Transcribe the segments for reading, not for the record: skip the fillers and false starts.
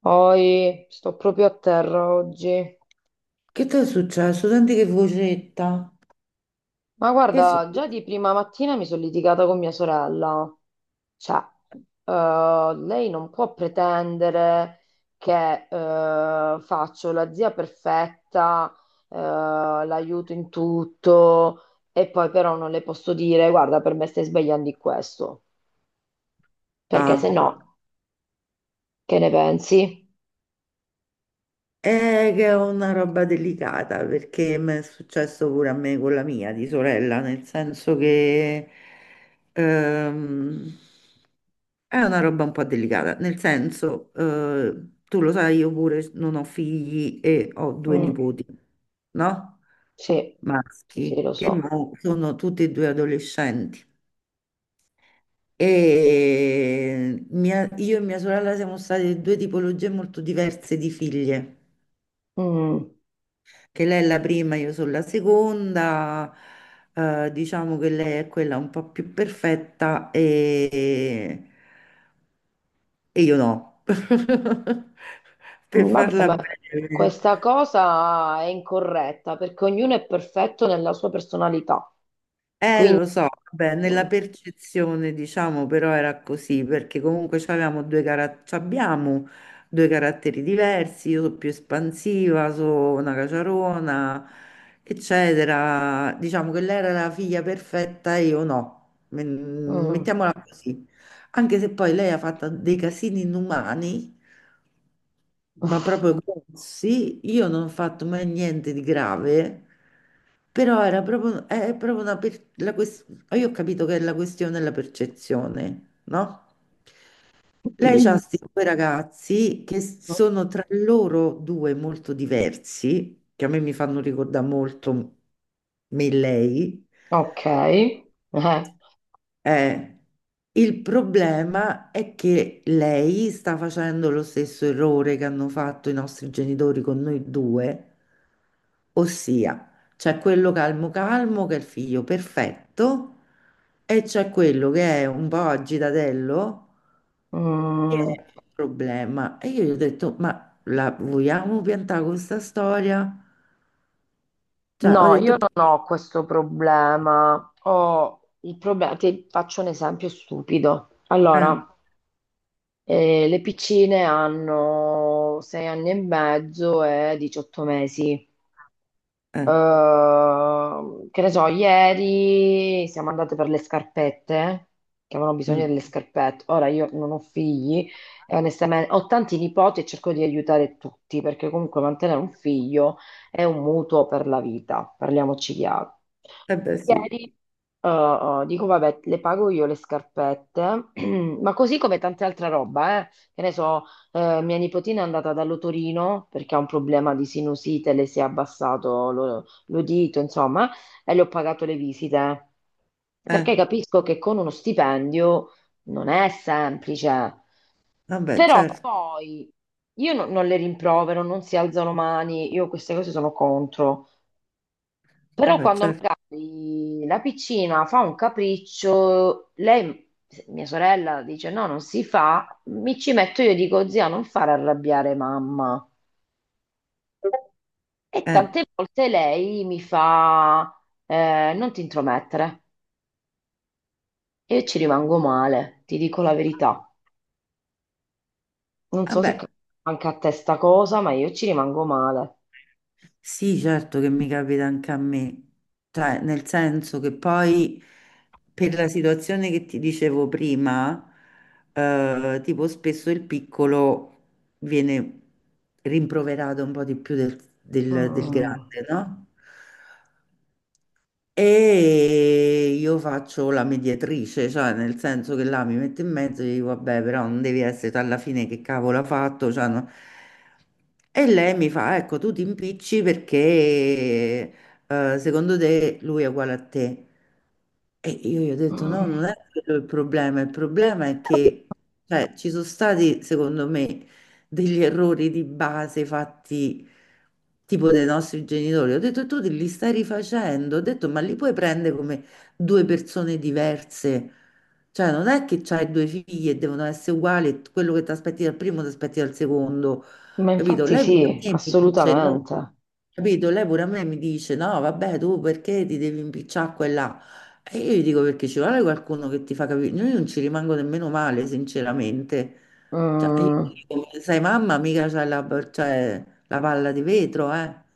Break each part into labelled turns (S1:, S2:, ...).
S1: Poi sto proprio a terra oggi.
S2: Che ti è successo? Senti che vocetta.
S1: Ma
S2: Che è
S1: guarda, già
S2: successo?
S1: di prima mattina mi sono litigata con mia sorella. Cioè, lei non può pretendere che faccio la zia perfetta, l'aiuto in tutto, e poi però non le posso dire, guarda, per me stai sbagliando in questo. Perché se
S2: Ah,
S1: no, che ne pensi?
S2: è che è una roba delicata perché mi è successo pure a me con la mia di sorella, nel senso che ehm, è una roba un po' delicata, nel senso, tu lo sai, io pure non ho figli e ho due
S1: Mm,
S2: nipoti, no?
S1: sì, sì, sì,
S2: Maschi,
S1: lo
S2: che
S1: so.
S2: mo sono tutti e due adolescenti. Io e mia sorella siamo state due tipologie molto diverse di figlie,
S1: Mm.
S2: che lei è la prima, io sono la seconda, diciamo che lei è quella un po' più perfetta e io no. Per
S1: Vabbè,
S2: farla
S1: ma
S2: breve.
S1: questa cosa è incorretta perché ognuno è perfetto nella sua personalità.
S2: Lo so, vabbè, nella
S1: Mm.
S2: percezione, diciamo, però era così, perché comunque c'abbiamo due caratteri diversi, io sono più espansiva, sono una caciarona, eccetera. Diciamo che lei era la figlia perfetta e io no, mm,
S1: Mm.
S2: mettiamola così. Anche se poi lei ha fatto dei casini inumani, ma proprio grossi, io non ho fatto mai niente di grave, però era proprio, è proprio una per- la ques- ah, io ho capito che è la questione della percezione, no? Lei ha questi due ragazzi che sono tra loro due molto diversi, che a me mi fanno ricordare molto me e lei,
S1: Ok.
S2: eh, il problema è che lei sta facendo lo stesso errore che hanno fatto i nostri genitori con noi due, ossia c'è quello calmo calmo che è il figlio perfetto e c'è quello che è un po' agitatello che
S1: Mm.
S2: è il problema. E io gli ho detto, ma la vogliamo piantare con questa storia? Cioè, ho
S1: No, io
S2: detto,
S1: non ho questo problema. Ho il problema, ti faccio un esempio stupido.
S2: eh,
S1: Allora, le piccine hanno 6 anni e mezzo e 18 mesi.
S2: eh,
S1: Che ne so, ieri siamo andate per le scarpette, che avevano bisogno
S2: mm,
S1: delle scarpette. Ora io non ho figli e onestamente ho tanti nipoti e cerco di aiutare tutti, perché comunque mantenere un figlio è un mutuo per la vita, parliamoci chiaro.
S2: eh beh sì,
S1: Ieri, eh, dico, vabbè, le pago io le scarpette, ma così come tante altre roba, eh. Che ne so, mia nipotina è andata dall'otorino perché ha un problema di sinusite, le si è abbassato l'udito, insomma, e le ho pagato le visite.
S2: eh,
S1: Perché capisco che con uno stipendio non è semplice,
S2: vabbè
S1: però
S2: certo,
S1: poi io non le rimprovero, non si alzano mani, io queste cose sono contro. Però
S2: vabbè
S1: quando
S2: certo,
S1: magari la piccina fa un capriccio, lei, mia sorella, dice no, non si fa, mi ci metto io e dico zia, non far arrabbiare mamma. E
S2: eh.
S1: tante volte lei mi fa non ti intromettere. E io ci rimango male, ti dico la verità. Non so se
S2: Vabbè,
S1: capita anche a te sta cosa, ma io ci rimango male.
S2: sì, certo che mi capita anche a me, cioè nel senso che poi per la situazione che ti dicevo prima, tipo spesso il piccolo viene rimproverato un po' di più del
S1: Mm.
S2: grande, no? E io faccio la mediatrice, cioè nel senso che là mi metto in mezzo e dico, vabbè, però non devi essere tu alla fine che cavolo ha fatto. Cioè, no. E lei mi fa, ecco, tu ti impicci perché secondo te lui è uguale a te. E io gli ho detto: no,
S1: Mm.
S2: non è quello il problema. Il problema è che cioè, ci sono stati, secondo me, degli errori di base fatti tipo dai nostri genitori. Ho detto: tu li stai rifacendo. Ho detto: ma li puoi prendere come due persone diverse? Cioè, non è che c'hai due figli e devono essere uguali, e quello che ti aspetti dal primo ti aspetti dal secondo,
S1: Ma
S2: capito?
S1: infatti
S2: Lei pure
S1: sì,
S2: a me mi dice: no,
S1: assolutamente.
S2: capito? Lei pure a me mi dice: no, vabbè, tu perché ti devi impicciare a quella? E io gli dico perché ci vuole qualcuno che ti fa capire. Io non ci rimango nemmeno male, sinceramente. Cioè, io
S1: Mm.
S2: gli dico, sai, mamma, c'hai la palla di vetro, eh.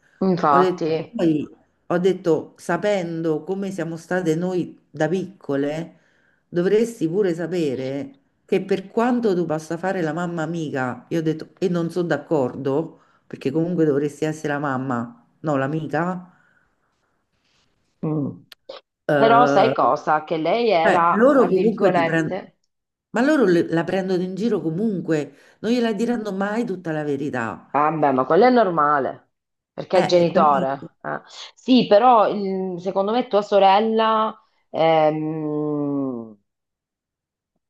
S2: Ho detto,
S1: Infatti.
S2: poi, ho detto, sapendo come siamo state noi da piccole, dovresti pure sapere che per quanto tu possa fare la mamma amica, io ho detto, e non sono d'accordo, perché comunque dovresti essere la mamma, no, l'amica.
S1: Mm. Però sai
S2: eh,
S1: cosa? Che lei
S2: Cioè,
S1: era, tra
S2: loro comunque ti prendono,
S1: virgolette,
S2: ma la prendono in giro comunque, non gliela diranno mai tutta la verità.
S1: vabbè, ma quello è normale, perché è
S2: Capito?
S1: genitore. Eh. Sì, però secondo me tua sorella ehm,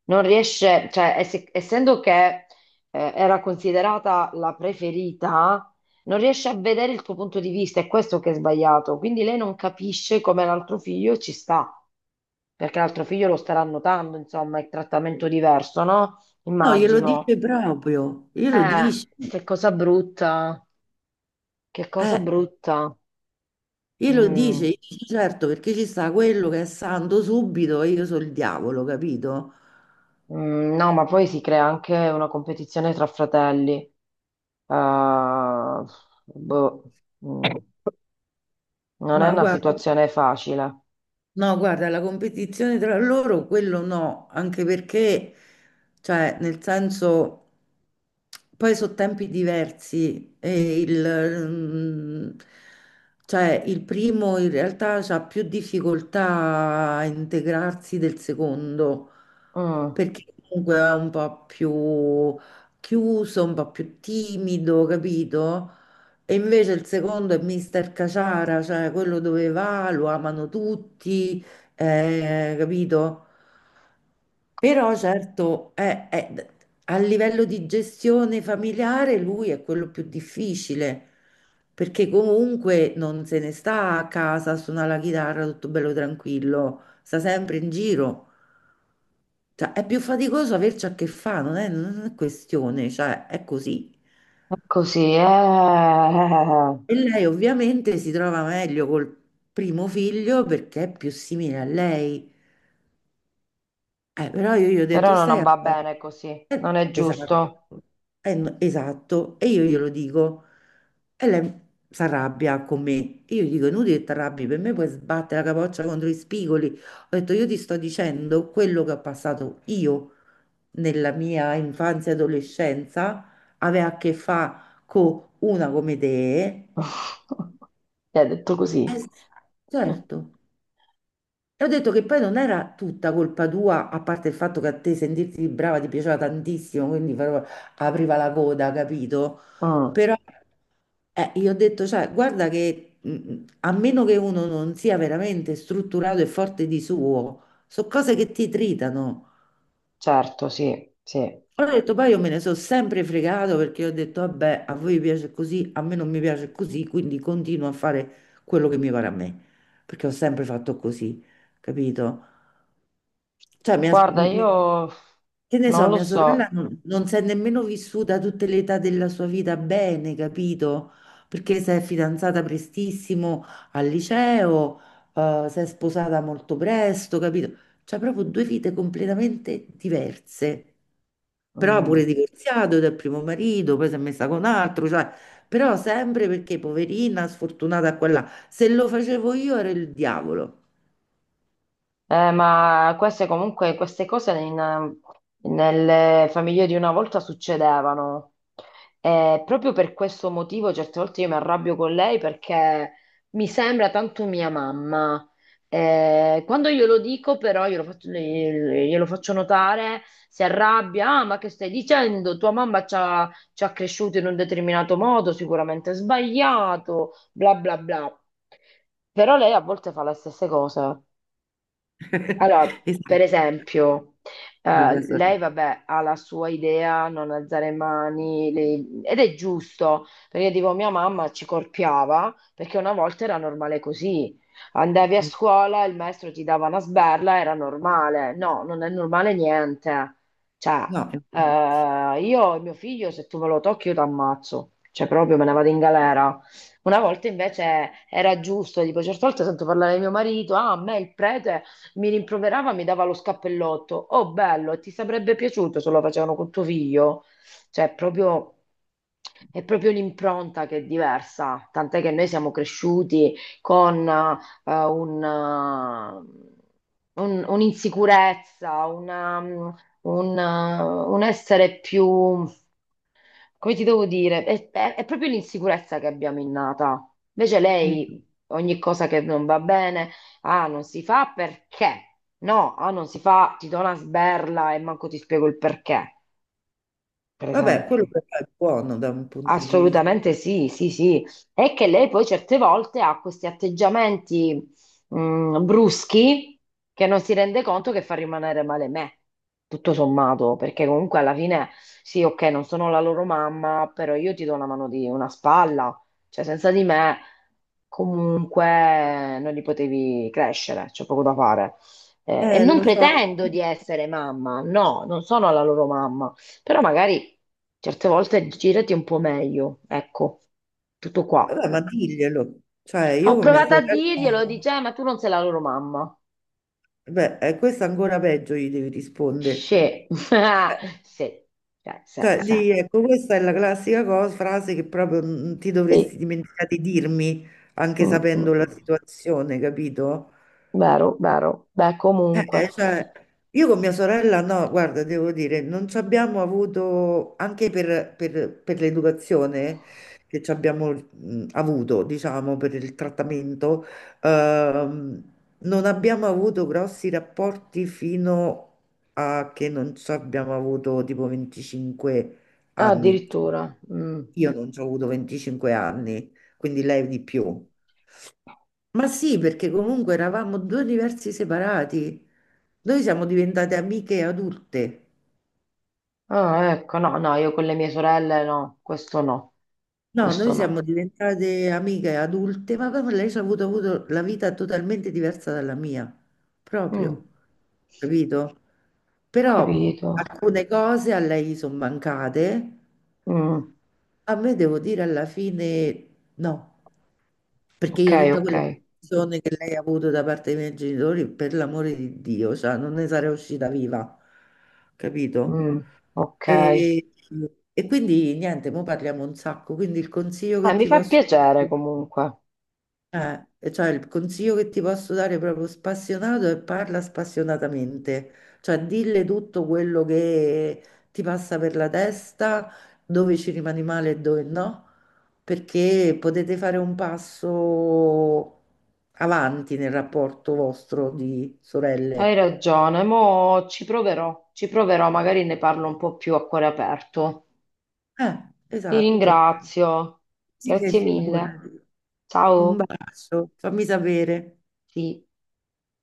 S1: non riesce, cioè essendo che era considerata la preferita, non riesce a vedere il tuo punto di vista, è questo che è sbagliato. Quindi lei non capisce come l'altro figlio ci sta, perché l'altro figlio lo starà notando, insomma, è trattamento diverso, no?
S2: No, glielo
S1: Immagino.
S2: dice proprio,
S1: Che cosa brutta, che cosa
S2: eh,
S1: brutta.
S2: glielo dice,
S1: Mm,
S2: gli dice, certo, perché ci sta quello che è santo subito e io sono il diavolo, capito?
S1: mm, no, ma poi si crea anche una competizione tra fratelli. Boh, mm, non è
S2: Ma
S1: una
S2: guarda.
S1: situazione facile.
S2: No, guarda, la competizione tra loro, quello no, anche perché, cioè, nel senso, poi sono tempi diversi cioè, il primo in realtà ha più difficoltà a integrarsi del secondo,
S1: Mm,
S2: perché comunque è un po' più chiuso, un po' più timido, capito? E invece il secondo è Mister Caciara, cioè quello dove va, lo amano tutti, capito? Però certo, a livello di gestione familiare lui è quello più difficile, perché comunque non se ne sta a casa a suonare la chitarra tutto bello tranquillo, sta sempre in giro. Cioè, è più faticoso averci a che fare, non è questione, cioè è così.
S1: è così, eh.
S2: E lei ovviamente si trova meglio col primo figlio perché è più simile a lei. Però io gli ho detto,
S1: Però
S2: stai
S1: non
S2: a
S1: va
S2: fare...
S1: bene così, non è giusto.
S2: esatto. No, esatto. E io glielo dico. E lei si arrabbia con me. Io gli dico, inutile che ti arrabbi, per me puoi sbattere la capoccia contro i spigoli. Ho detto, io ti sto dicendo quello che ho passato io nella mia infanzia e adolescenza aveva a che fare con una come te.
S1: Mi ha detto così.
S2: Sì, certo. E ho detto che poi non era tutta colpa tua, a parte il fatto che a te sentirti brava ti piaceva tantissimo, quindi però apriva la coda, capito?
S1: Mm,
S2: Però io ho detto, cioè, guarda che a meno che uno non sia veramente strutturato e forte di suo, sono cose che ti tritano.
S1: certo, sì, sì.
S2: Allora ho detto, poi io me ne sono sempre fregato perché ho detto, vabbè, a voi piace così, a me non mi piace così, quindi continuo a fare quello che mi pare a me, perché ho sempre fatto così, capito? Cioè, mia-
S1: Guarda,
S2: mi-
S1: io
S2: che ne
S1: non
S2: so,
S1: lo
S2: mia sorella
S1: so.
S2: non si è nemmeno vissuta tutte le età della sua vita bene, capito? Perché si è fidanzata prestissimo al liceo, si è sposata molto presto, capito? Cioè, proprio due vite completamente diverse. Però pure
S1: Mm.
S2: divorziato dal primo marito, poi si è messa con altro, cioè, però sempre perché poverina, sfortunata qua e là. Se lo facevo io era il diavolo.
S1: Ma queste comunque, queste cose nelle famiglie di una volta succedevano. E proprio per questo motivo certe volte io mi arrabbio con lei perché mi sembra tanto mia mamma. Quando glielo dico però, glielo faccio notare, si arrabbia, ah, ma che stai dicendo? Tua mamma ci ha cresciuto in un determinato modo, sicuramente sbagliato, bla bla bla. Però lei a volte fa le stesse cose. Allora, per
S2: Esatto,
S1: esempio,
S2: come mia
S1: lei,
S2: sorella.
S1: vabbè, ha la sua idea, non alzare mani, ed è giusto, perché tipo mia mamma ci corpiava, perché una volta era normale così. Andavi a scuola, il maestro ti dava una sberla, era normale. No, non è normale niente. Cioè,
S2: No, infatti.
S1: io e mio figlio, se tu me lo tocchi, io ti ammazzo. Cioè, proprio me ne vado in galera. Una volta invece era giusto, tipo, certe volte sento parlare di mio marito, ah, a me il prete mi rimproverava, mi dava lo scappellotto. Oh, bello, ti sarebbe piaciuto se lo facevano con tuo figlio? Cioè, proprio, è proprio l'impronta che è diversa. Tant'è che noi siamo cresciuti con un'insicurezza, un essere più come ti devo dire, è proprio l'insicurezza che abbiamo innata. Invece
S2: Mm.
S1: lei, ogni cosa che non va bene, ah, non si fa perché? No, ah, non si fa, ti do una sberla e manco ti spiego il perché, per
S2: Vabbè,
S1: esempio.
S2: quello però è buono da un punto di vista.
S1: Assolutamente sì, sì, sì. È che lei poi certe volte ha questi atteggiamenti bruschi che non si rende conto che fa rimanere male me, tutto sommato, perché comunque alla fine sì, ok, non sono la loro mamma, però io ti do una mano di una spalla, cioè senza di me comunque non li potevi crescere, c'è poco da fare. E non
S2: Lo so,
S1: pretendo di essere mamma, no, non sono la loro mamma però magari certe volte girati un po' meglio, ecco, tutto qua.
S2: vabbè, ma diglielo. Cioè,
S1: Ah,
S2: io
S1: ho
S2: con mia
S1: provato a
S2: sorella,
S1: dirglielo, dice, ma tu non sei la loro mamma.
S2: beh, questa ancora peggio gli devi rispondere.
S1: Sì,
S2: Eh,
S1: sì, cioè, sì,
S2: Cioè,
S1: sì.
S2: di, ecco, questa è la classica cosa, frase che proprio non ti dovresti
S1: Sì.
S2: dimenticare di dirmi, anche
S1: Mm, mm,
S2: sapendo la
S1: mm.
S2: situazione, capito?
S1: Vero, vero. Beh, comunque.
S2: Cioè, io con mia sorella, no, guarda, devo dire, non ci abbiamo avuto, anche per l'educazione che ci abbiamo avuto, diciamo, per il trattamento, ehm, non abbiamo avuto grossi rapporti fino a che non ci abbiamo avuto tipo 25
S1: Ah,
S2: anni.
S1: addirittura. Mm.
S2: Io non ci ho avuto 25 anni, quindi lei di più. Ma sì, perché comunque eravamo due universi separati. Noi siamo diventate amiche adulte.
S1: Ah, ecco, no, no, io con le mie sorelle no, questo no,
S2: No,
S1: questo
S2: noi siamo
S1: no.
S2: diventate amiche adulte, ma proprio lei ci ha avuto la vita totalmente diversa dalla mia,
S1: Mm,
S2: proprio,
S1: ho
S2: capito? Però
S1: capito.
S2: alcune cose a lei sono mancate,
S1: Mm,
S2: a me devo dire alla fine no. Perché
S1: ok,
S2: io tutta
S1: ok.
S2: quella attenzione che lei ha avuto da parte dei miei genitori, per l'amore di Dio, cioè, non ne sarei uscita viva, capito?
S1: Mm, ok.
S2: E, e quindi niente, mo parliamo un sacco, quindi il consiglio che
S1: Mi
S2: ti
S1: fa
S2: posso
S1: piacere
S2: dare
S1: comunque.
S2: e cioè il consiglio che ti posso dare proprio spassionato è parla spassionatamente, cioè dille tutto quello che ti passa per la testa, dove ci rimani male e dove no, perché potete fare un passo avanti nel rapporto vostro di
S1: Hai
S2: sorelle.
S1: ragione, mo ci proverò, magari ne parlo un po' più a cuore aperto. Ti
S2: Esatto.
S1: ringrazio.
S2: Sì, che
S1: Grazie mille.
S2: figurati. Un
S1: Ciao.
S2: bacio, fammi sapere.
S1: Sì.